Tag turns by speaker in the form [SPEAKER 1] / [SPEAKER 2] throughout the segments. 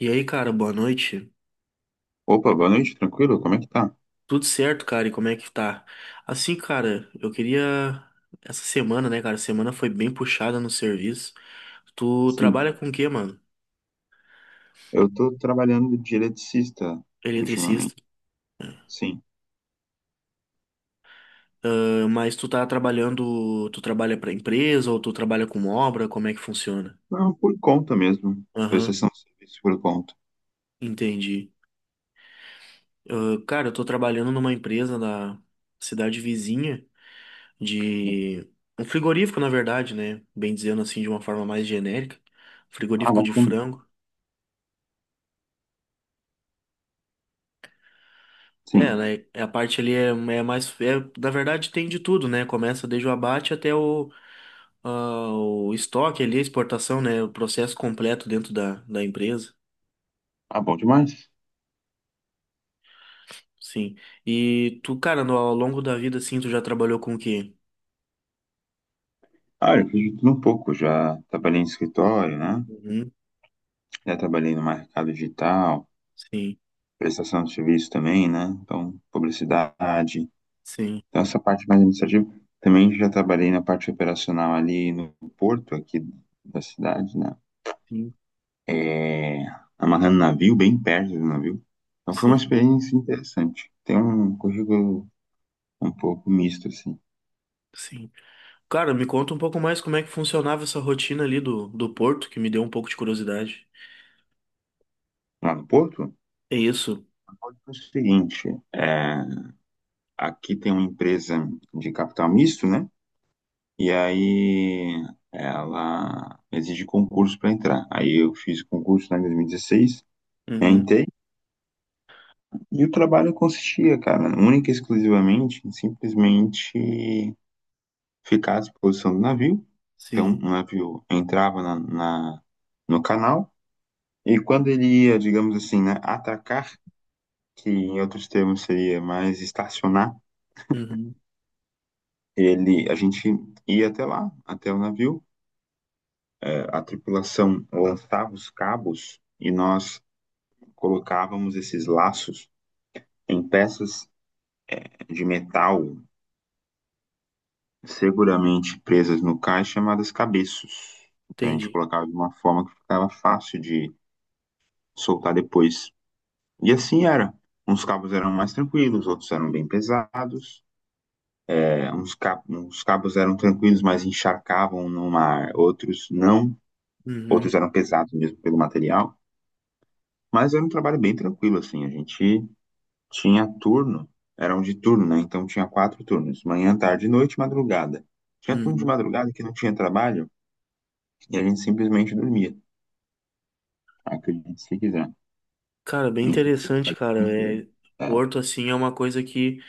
[SPEAKER 1] E aí, cara, boa noite.
[SPEAKER 2] Opa, boa noite, tranquilo? Como é que tá?
[SPEAKER 1] Tudo certo, cara? E como é que tá? Assim, cara, eu queria. Essa semana, né, cara? Semana foi bem puxada no serviço. Tu trabalha
[SPEAKER 2] Sim,
[SPEAKER 1] com o quê, mano?
[SPEAKER 2] eu tô trabalhando de eletricista ultimamente,
[SPEAKER 1] Eletricista.
[SPEAKER 2] sim.
[SPEAKER 1] Ah, mas tu tá trabalhando. Tu trabalha pra empresa ou tu trabalha com obra? Como é que funciona?
[SPEAKER 2] Não, por conta mesmo,
[SPEAKER 1] Aham,
[SPEAKER 2] prestação de serviço por conta.
[SPEAKER 1] entendi. Ah, cara, eu tô trabalhando numa empresa da cidade vizinha de. Um frigorífico, na verdade, né? Bem dizendo assim, de uma forma mais genérica.
[SPEAKER 2] Ah,
[SPEAKER 1] Frigorífico de
[SPEAKER 2] bacana,
[SPEAKER 1] frango. É,
[SPEAKER 2] sim.
[SPEAKER 1] né? A parte ali é mais. É, na verdade, tem de tudo, né? Começa desde o abate até o, o estoque ali, a exportação, né? O processo completo dentro da empresa.
[SPEAKER 2] Ah, bom demais.
[SPEAKER 1] Sim. E tu, cara, no, ao longo da vida, assim, tu já trabalhou com o quê?
[SPEAKER 2] Ah, eu fiz de tudo um pouco, já trabalhei em escritório, né?
[SPEAKER 1] Uhum.
[SPEAKER 2] Já trabalhei no mercado digital,
[SPEAKER 1] Sim,
[SPEAKER 2] prestação de serviço também, né? Então, publicidade.
[SPEAKER 1] sim,
[SPEAKER 2] Então, essa parte mais administrativa. Também já trabalhei na parte operacional ali no porto, aqui da cidade, né?
[SPEAKER 1] sim,
[SPEAKER 2] é, Amarrando navio, bem perto do navio. Então foi uma
[SPEAKER 1] sim,
[SPEAKER 2] experiência interessante. Tem um currículo um pouco misto, assim.
[SPEAKER 1] sim. Cara, me conta um pouco mais como é que funcionava essa rotina ali do Porto, que me deu um pouco de curiosidade.
[SPEAKER 2] Lá no Porto, no
[SPEAKER 1] É isso?
[SPEAKER 2] Porto o seguinte, é, aqui tem uma empresa de capital misto, né? E aí ela exige concurso para entrar. Aí eu fiz concurso lá em 2016,
[SPEAKER 1] Uhum.
[SPEAKER 2] entrei, e o trabalho consistia, cara, única e exclusivamente, simplesmente ficar à disposição do navio. Então,
[SPEAKER 1] Sim.
[SPEAKER 2] o navio entrava no canal e quando ele ia, digamos assim, né, atacar, que em outros termos seria mais estacionar,
[SPEAKER 1] Uhum.
[SPEAKER 2] ele, a gente ia até lá, até o navio. É, a tripulação lançava os cabos e nós colocávamos esses laços em peças de metal seguramente presas no cais, chamadas cabeços. Então a gente
[SPEAKER 1] Entendi.
[SPEAKER 2] colocava de uma forma que ficava fácil de soltar depois. E assim era. Uns cabos eram mais tranquilos, outros eram bem pesados. É, uns cabos eram tranquilos, mas encharcavam no mar. Outros não.
[SPEAKER 1] Uhum.
[SPEAKER 2] Outros eram pesados mesmo pelo material. Mas era um trabalho bem tranquilo, assim. A gente tinha turno, era um de turno, né? Então tinha quatro turnos: manhã, tarde, noite e madrugada. Tinha turno de
[SPEAKER 1] Uhum.
[SPEAKER 2] madrugada que não tinha trabalho e a gente simplesmente dormia. Acredite se quiser.
[SPEAKER 1] Cara, bem interessante, cara. É,
[SPEAKER 2] É,
[SPEAKER 1] Porto, assim, é uma coisa que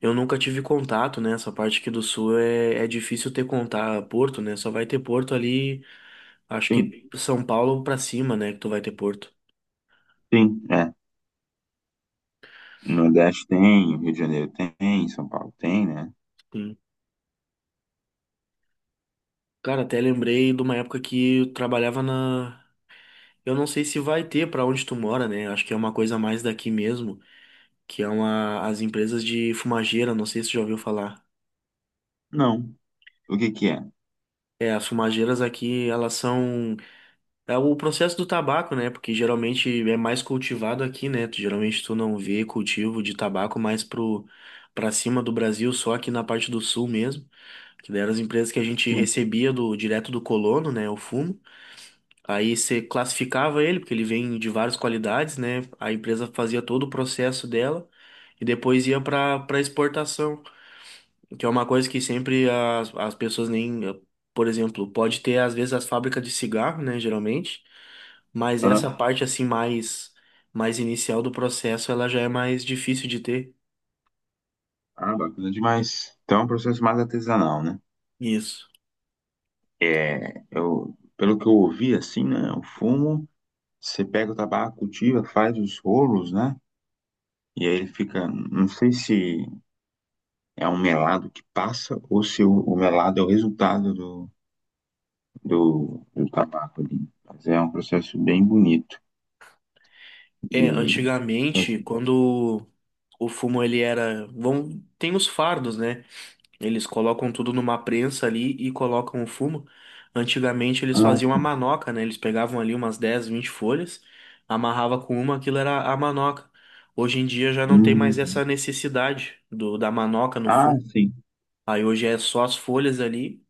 [SPEAKER 1] eu nunca tive contato, né? Essa parte aqui do Sul é difícil ter contato, Porto, né? Só vai ter Porto ali, acho
[SPEAKER 2] sim,
[SPEAKER 1] que São Paulo pra cima, né? Que tu vai ter Porto.
[SPEAKER 2] sim, é. No Nordeste tem, Rio de Janeiro tem, São Paulo tem, né?
[SPEAKER 1] Sim. Cara, até lembrei de uma época que eu trabalhava na. Eu não sei se vai ter pra onde tu mora, né? Acho que é uma coisa mais daqui mesmo, que é uma as empresas de fumageira, não sei se tu já ouviu falar.
[SPEAKER 2] Não. O que que é?
[SPEAKER 1] É, as fumageiras aqui, elas são é o processo do tabaco, né? Porque geralmente é mais cultivado aqui, né? Geralmente tu não vê cultivo de tabaco mais pro para cima do Brasil, só aqui na parte do sul mesmo, que daí eram as empresas que a gente
[SPEAKER 2] Sim.
[SPEAKER 1] recebia do direto do colono, né? O fumo. Aí você classificava ele, porque ele vem de várias qualidades, né? A empresa fazia todo o processo dela e depois ia para exportação. Que é uma coisa que sempre as, as pessoas nem. Por exemplo, pode ter às vezes as fábricas de cigarro, né? Geralmente. Mas essa
[SPEAKER 2] Aham.
[SPEAKER 1] parte assim mais inicial do processo, ela já é mais difícil de ter.
[SPEAKER 2] Ah, bacana demais. Então é um processo mais artesanal, né?
[SPEAKER 1] Isso.
[SPEAKER 2] É, eu, pelo que eu ouvi, assim, né? O fumo, você pega o tabaco, cultiva, faz os rolos, né? E aí ele fica, não sei se é um melado que passa ou se o melado é o resultado do, do, do tabaco ali. Mas é um processo bem bonito
[SPEAKER 1] É,
[SPEAKER 2] de
[SPEAKER 1] antigamente,
[SPEAKER 2] fazer.
[SPEAKER 1] quando o fumo ele era, vão, tem os fardos, né? Eles colocam tudo numa prensa ali e colocam o fumo. Antigamente eles
[SPEAKER 2] Ah,
[SPEAKER 1] faziam a
[SPEAKER 2] sim.
[SPEAKER 1] manoca, né? Eles pegavam ali umas 10, 20 folhas, amarrava com uma, aquilo era a manoca. Hoje em dia já não tem mais
[SPEAKER 2] Hum.
[SPEAKER 1] essa necessidade do da manoca no
[SPEAKER 2] Ah,
[SPEAKER 1] fumo.
[SPEAKER 2] sim.
[SPEAKER 1] Aí hoje é só as folhas ali,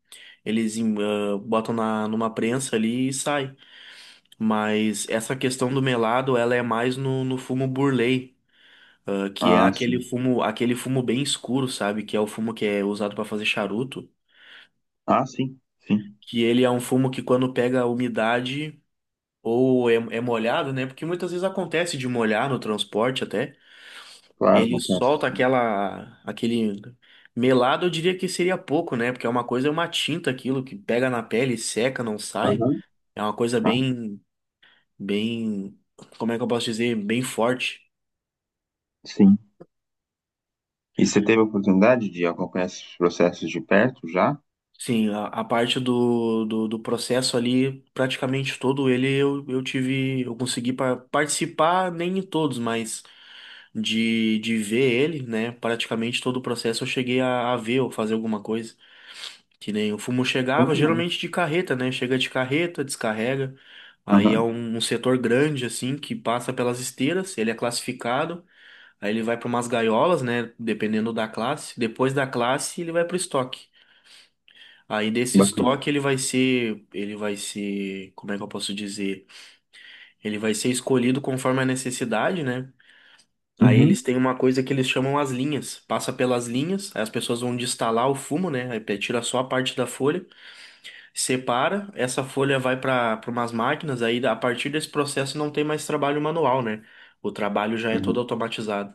[SPEAKER 1] eles botam na, numa prensa ali e sai. Mas essa questão do melado, ela é mais no, no fumo burley. Que é
[SPEAKER 2] Ah, sim.
[SPEAKER 1] aquele fumo bem escuro, sabe? Que é o fumo que é usado para fazer charuto.
[SPEAKER 2] Ah, sim, sim.
[SPEAKER 1] Que ele é um fumo que quando pega a umidade ou é molhado, né? Porque muitas vezes acontece de molhar no transporte até,
[SPEAKER 2] Claro,
[SPEAKER 1] ele
[SPEAKER 2] acontece.
[SPEAKER 1] solta aquela aquele melado, eu diria que seria pouco, né? Porque é uma coisa, é uma tinta aquilo que pega na pele, seca, não sai.
[SPEAKER 2] Aham.
[SPEAKER 1] É uma coisa
[SPEAKER 2] Ah,
[SPEAKER 1] bem, como é que eu posso dizer, bem forte.
[SPEAKER 2] sim. E você teve a oportunidade de acompanhar esses processos de perto já?
[SPEAKER 1] Sim, a parte do processo ali, praticamente todo ele eu tive, eu consegui participar, nem em todos, mas de ver ele, né? Praticamente todo o processo eu cheguei a ver ou fazer alguma coisa. Que nem o fumo
[SPEAKER 2] Bom
[SPEAKER 1] chegava,
[SPEAKER 2] demais.
[SPEAKER 1] geralmente de carreta, né? Chega de carreta, descarrega. Aí é
[SPEAKER 2] Aham,
[SPEAKER 1] um setor grande, assim, que passa pelas esteiras, ele é classificado, aí ele vai para umas gaiolas, né? Dependendo da classe. Depois da classe, ele vai para o estoque. Aí desse
[SPEAKER 2] bacana.
[SPEAKER 1] estoque ele vai ser, como é que eu posso dizer? Ele vai ser escolhido conforme a necessidade, né? Aí
[SPEAKER 2] Uhum.
[SPEAKER 1] eles têm uma coisa que eles chamam as linhas. Passa pelas linhas, aí as pessoas vão destalar o fumo, né? Aí tira só a parte da folha, separa, essa folha vai para umas máquinas, aí a partir desse processo não tem mais trabalho manual, né? O trabalho já é todo
[SPEAKER 2] Uhum.
[SPEAKER 1] automatizado.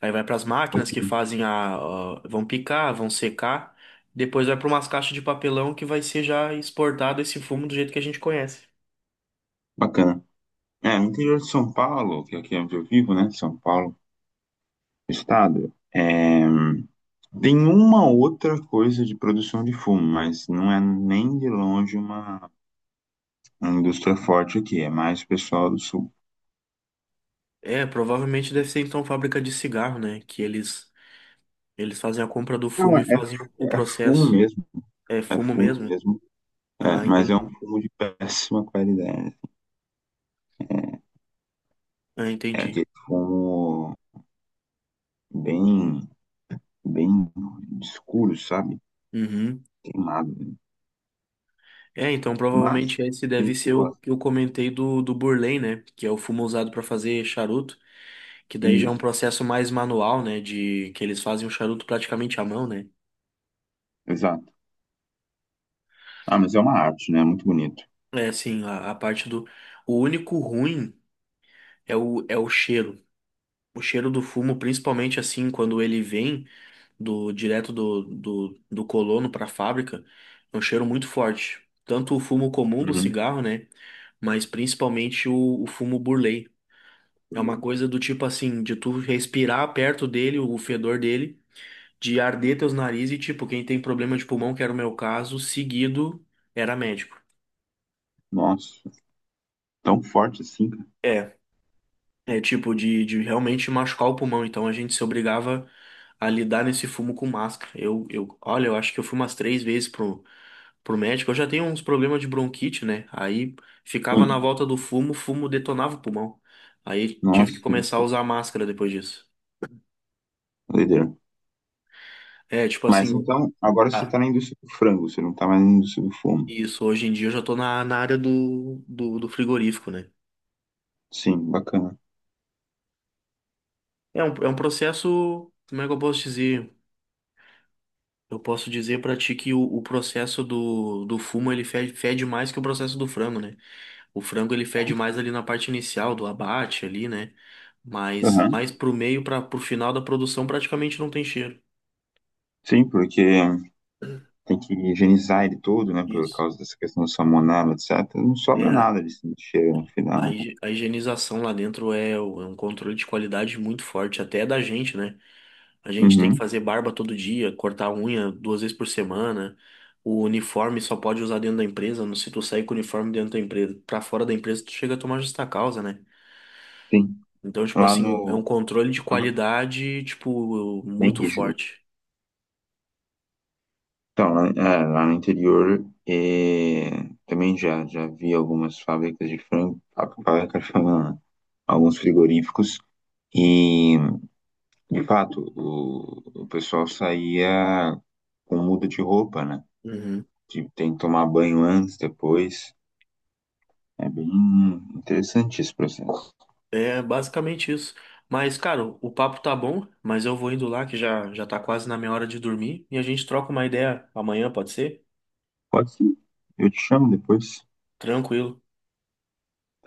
[SPEAKER 1] Aí vai para as máquinas que
[SPEAKER 2] Bacana.
[SPEAKER 1] fazem vão picar, vão secar, depois vai para umas caixas de papelão que vai ser já exportado esse fumo do jeito que a gente conhece.
[SPEAKER 2] Bacana. É, no interior de São Paulo, que aqui é onde eu vivo, né? São Paulo, estado, é, tem uma outra coisa de produção de fumo, mas não é nem de longe uma indústria forte aqui, é mais o pessoal do sul.
[SPEAKER 1] É, provavelmente deve ser então fábrica de cigarro, né? Que eles eles fazem a compra do
[SPEAKER 2] Não,
[SPEAKER 1] fumo
[SPEAKER 2] é,
[SPEAKER 1] e fazem o
[SPEAKER 2] é fumo
[SPEAKER 1] processo.
[SPEAKER 2] mesmo,
[SPEAKER 1] É
[SPEAKER 2] é
[SPEAKER 1] fumo
[SPEAKER 2] fumo
[SPEAKER 1] mesmo?
[SPEAKER 2] mesmo. É,
[SPEAKER 1] Ah,
[SPEAKER 2] mas é um
[SPEAKER 1] entendi.
[SPEAKER 2] fumo de péssima qualidade.
[SPEAKER 1] Ah,
[SPEAKER 2] É
[SPEAKER 1] entendi.
[SPEAKER 2] aquele fumo bem, bem escuro, sabe?
[SPEAKER 1] Uhum.
[SPEAKER 2] Queimado, né?
[SPEAKER 1] É, então
[SPEAKER 2] Mas
[SPEAKER 1] provavelmente esse
[SPEAKER 2] tem
[SPEAKER 1] deve
[SPEAKER 2] gente que
[SPEAKER 1] ser o
[SPEAKER 2] gosta.
[SPEAKER 1] que eu comentei do Burley, né? Que é o fumo usado para fazer charuto, que daí já é um
[SPEAKER 2] Isso,
[SPEAKER 1] processo mais manual, né? De que eles fazem o charuto praticamente à mão, né?
[SPEAKER 2] exato. Ah, mas é uma arte, né? Muito bonito.
[SPEAKER 1] É, sim, a parte do. O único ruim é é o cheiro. O cheiro do fumo, principalmente assim, quando ele vem do direto do colono para a fábrica, é um cheiro muito forte. Tanto o fumo comum do
[SPEAKER 2] Uhum.
[SPEAKER 1] cigarro, né? Mas principalmente o fumo burley. É uma coisa do tipo assim, de tu respirar perto dele, o fedor dele, de arder teus narizes e tipo, quem tem problema de pulmão, que era o meu caso, seguido era médico.
[SPEAKER 2] Nossa, tão forte assim, cara.
[SPEAKER 1] É. É tipo de realmente machucar o pulmão. Então a gente se obrigava a lidar nesse fumo com máscara. Olha, eu acho que eu fui umas três vezes pro médico. Eu já tenho uns problemas de bronquite, né? Aí ficava na
[SPEAKER 2] Sim.
[SPEAKER 1] volta do fumo, o fumo detonava o pulmão. Aí tive que
[SPEAKER 2] Nossa,
[SPEAKER 1] começar a usar máscara depois disso.
[SPEAKER 2] doideira.
[SPEAKER 1] É, tipo
[SPEAKER 2] Mas
[SPEAKER 1] assim,
[SPEAKER 2] então, agora você
[SPEAKER 1] ah,
[SPEAKER 2] tá na indústria do frango, você não tá mais na indústria do fumo.
[SPEAKER 1] isso, hoje em dia eu já tô na, na área do frigorífico, né?
[SPEAKER 2] Sim, bacana.
[SPEAKER 1] É é um processo, como é que eu posso dizer? Eu posso dizer pra ti que o processo do fumo ele fede, fede mais que o processo do frango, né? O frango ele fede
[SPEAKER 2] Nossa.
[SPEAKER 1] mais ali na parte inicial do abate ali, né? Mas
[SPEAKER 2] Aham.
[SPEAKER 1] mais pro meio para pro final da produção praticamente não tem cheiro.
[SPEAKER 2] Sim, porque tem que higienizar ele todo, né, por
[SPEAKER 1] Isso.
[SPEAKER 2] causa dessa questão do salmonela, etc. Não
[SPEAKER 1] É
[SPEAKER 2] sobra nada de cheiro no final, né?
[SPEAKER 1] a higienização lá dentro é um controle de qualidade muito forte até da gente, né? A gente tem que
[SPEAKER 2] Uhum,
[SPEAKER 1] fazer barba todo dia, cortar unha duas vezes por semana. O uniforme só pode usar dentro da empresa. Se tu sair com o uniforme dentro da empresa, pra fora da empresa, tu chega a tomar justa causa, né?
[SPEAKER 2] sim.
[SPEAKER 1] Então, tipo
[SPEAKER 2] Lá
[SPEAKER 1] assim, é um
[SPEAKER 2] no...
[SPEAKER 1] controle de
[SPEAKER 2] uhum,
[SPEAKER 1] qualidade, tipo,
[SPEAKER 2] bem
[SPEAKER 1] muito
[SPEAKER 2] rígido.
[SPEAKER 1] forte.
[SPEAKER 2] Então, lá, é, lá no interior, é, também já, já vi algumas fábricas de frango, fábrica de frango, não, alguns frigoríficos, e, de fato, o pessoal saía com muda de roupa, né?
[SPEAKER 1] Uhum.
[SPEAKER 2] De, tem que tomar banho antes, depois. É bem interessante esse processo.
[SPEAKER 1] É basicamente isso. Mas, cara, o papo tá bom, mas eu vou indo lá que já, já tá quase na minha hora de dormir e a gente troca uma ideia amanhã, pode ser?
[SPEAKER 2] Pode sim. Eu te chamo depois.
[SPEAKER 1] Tranquilo.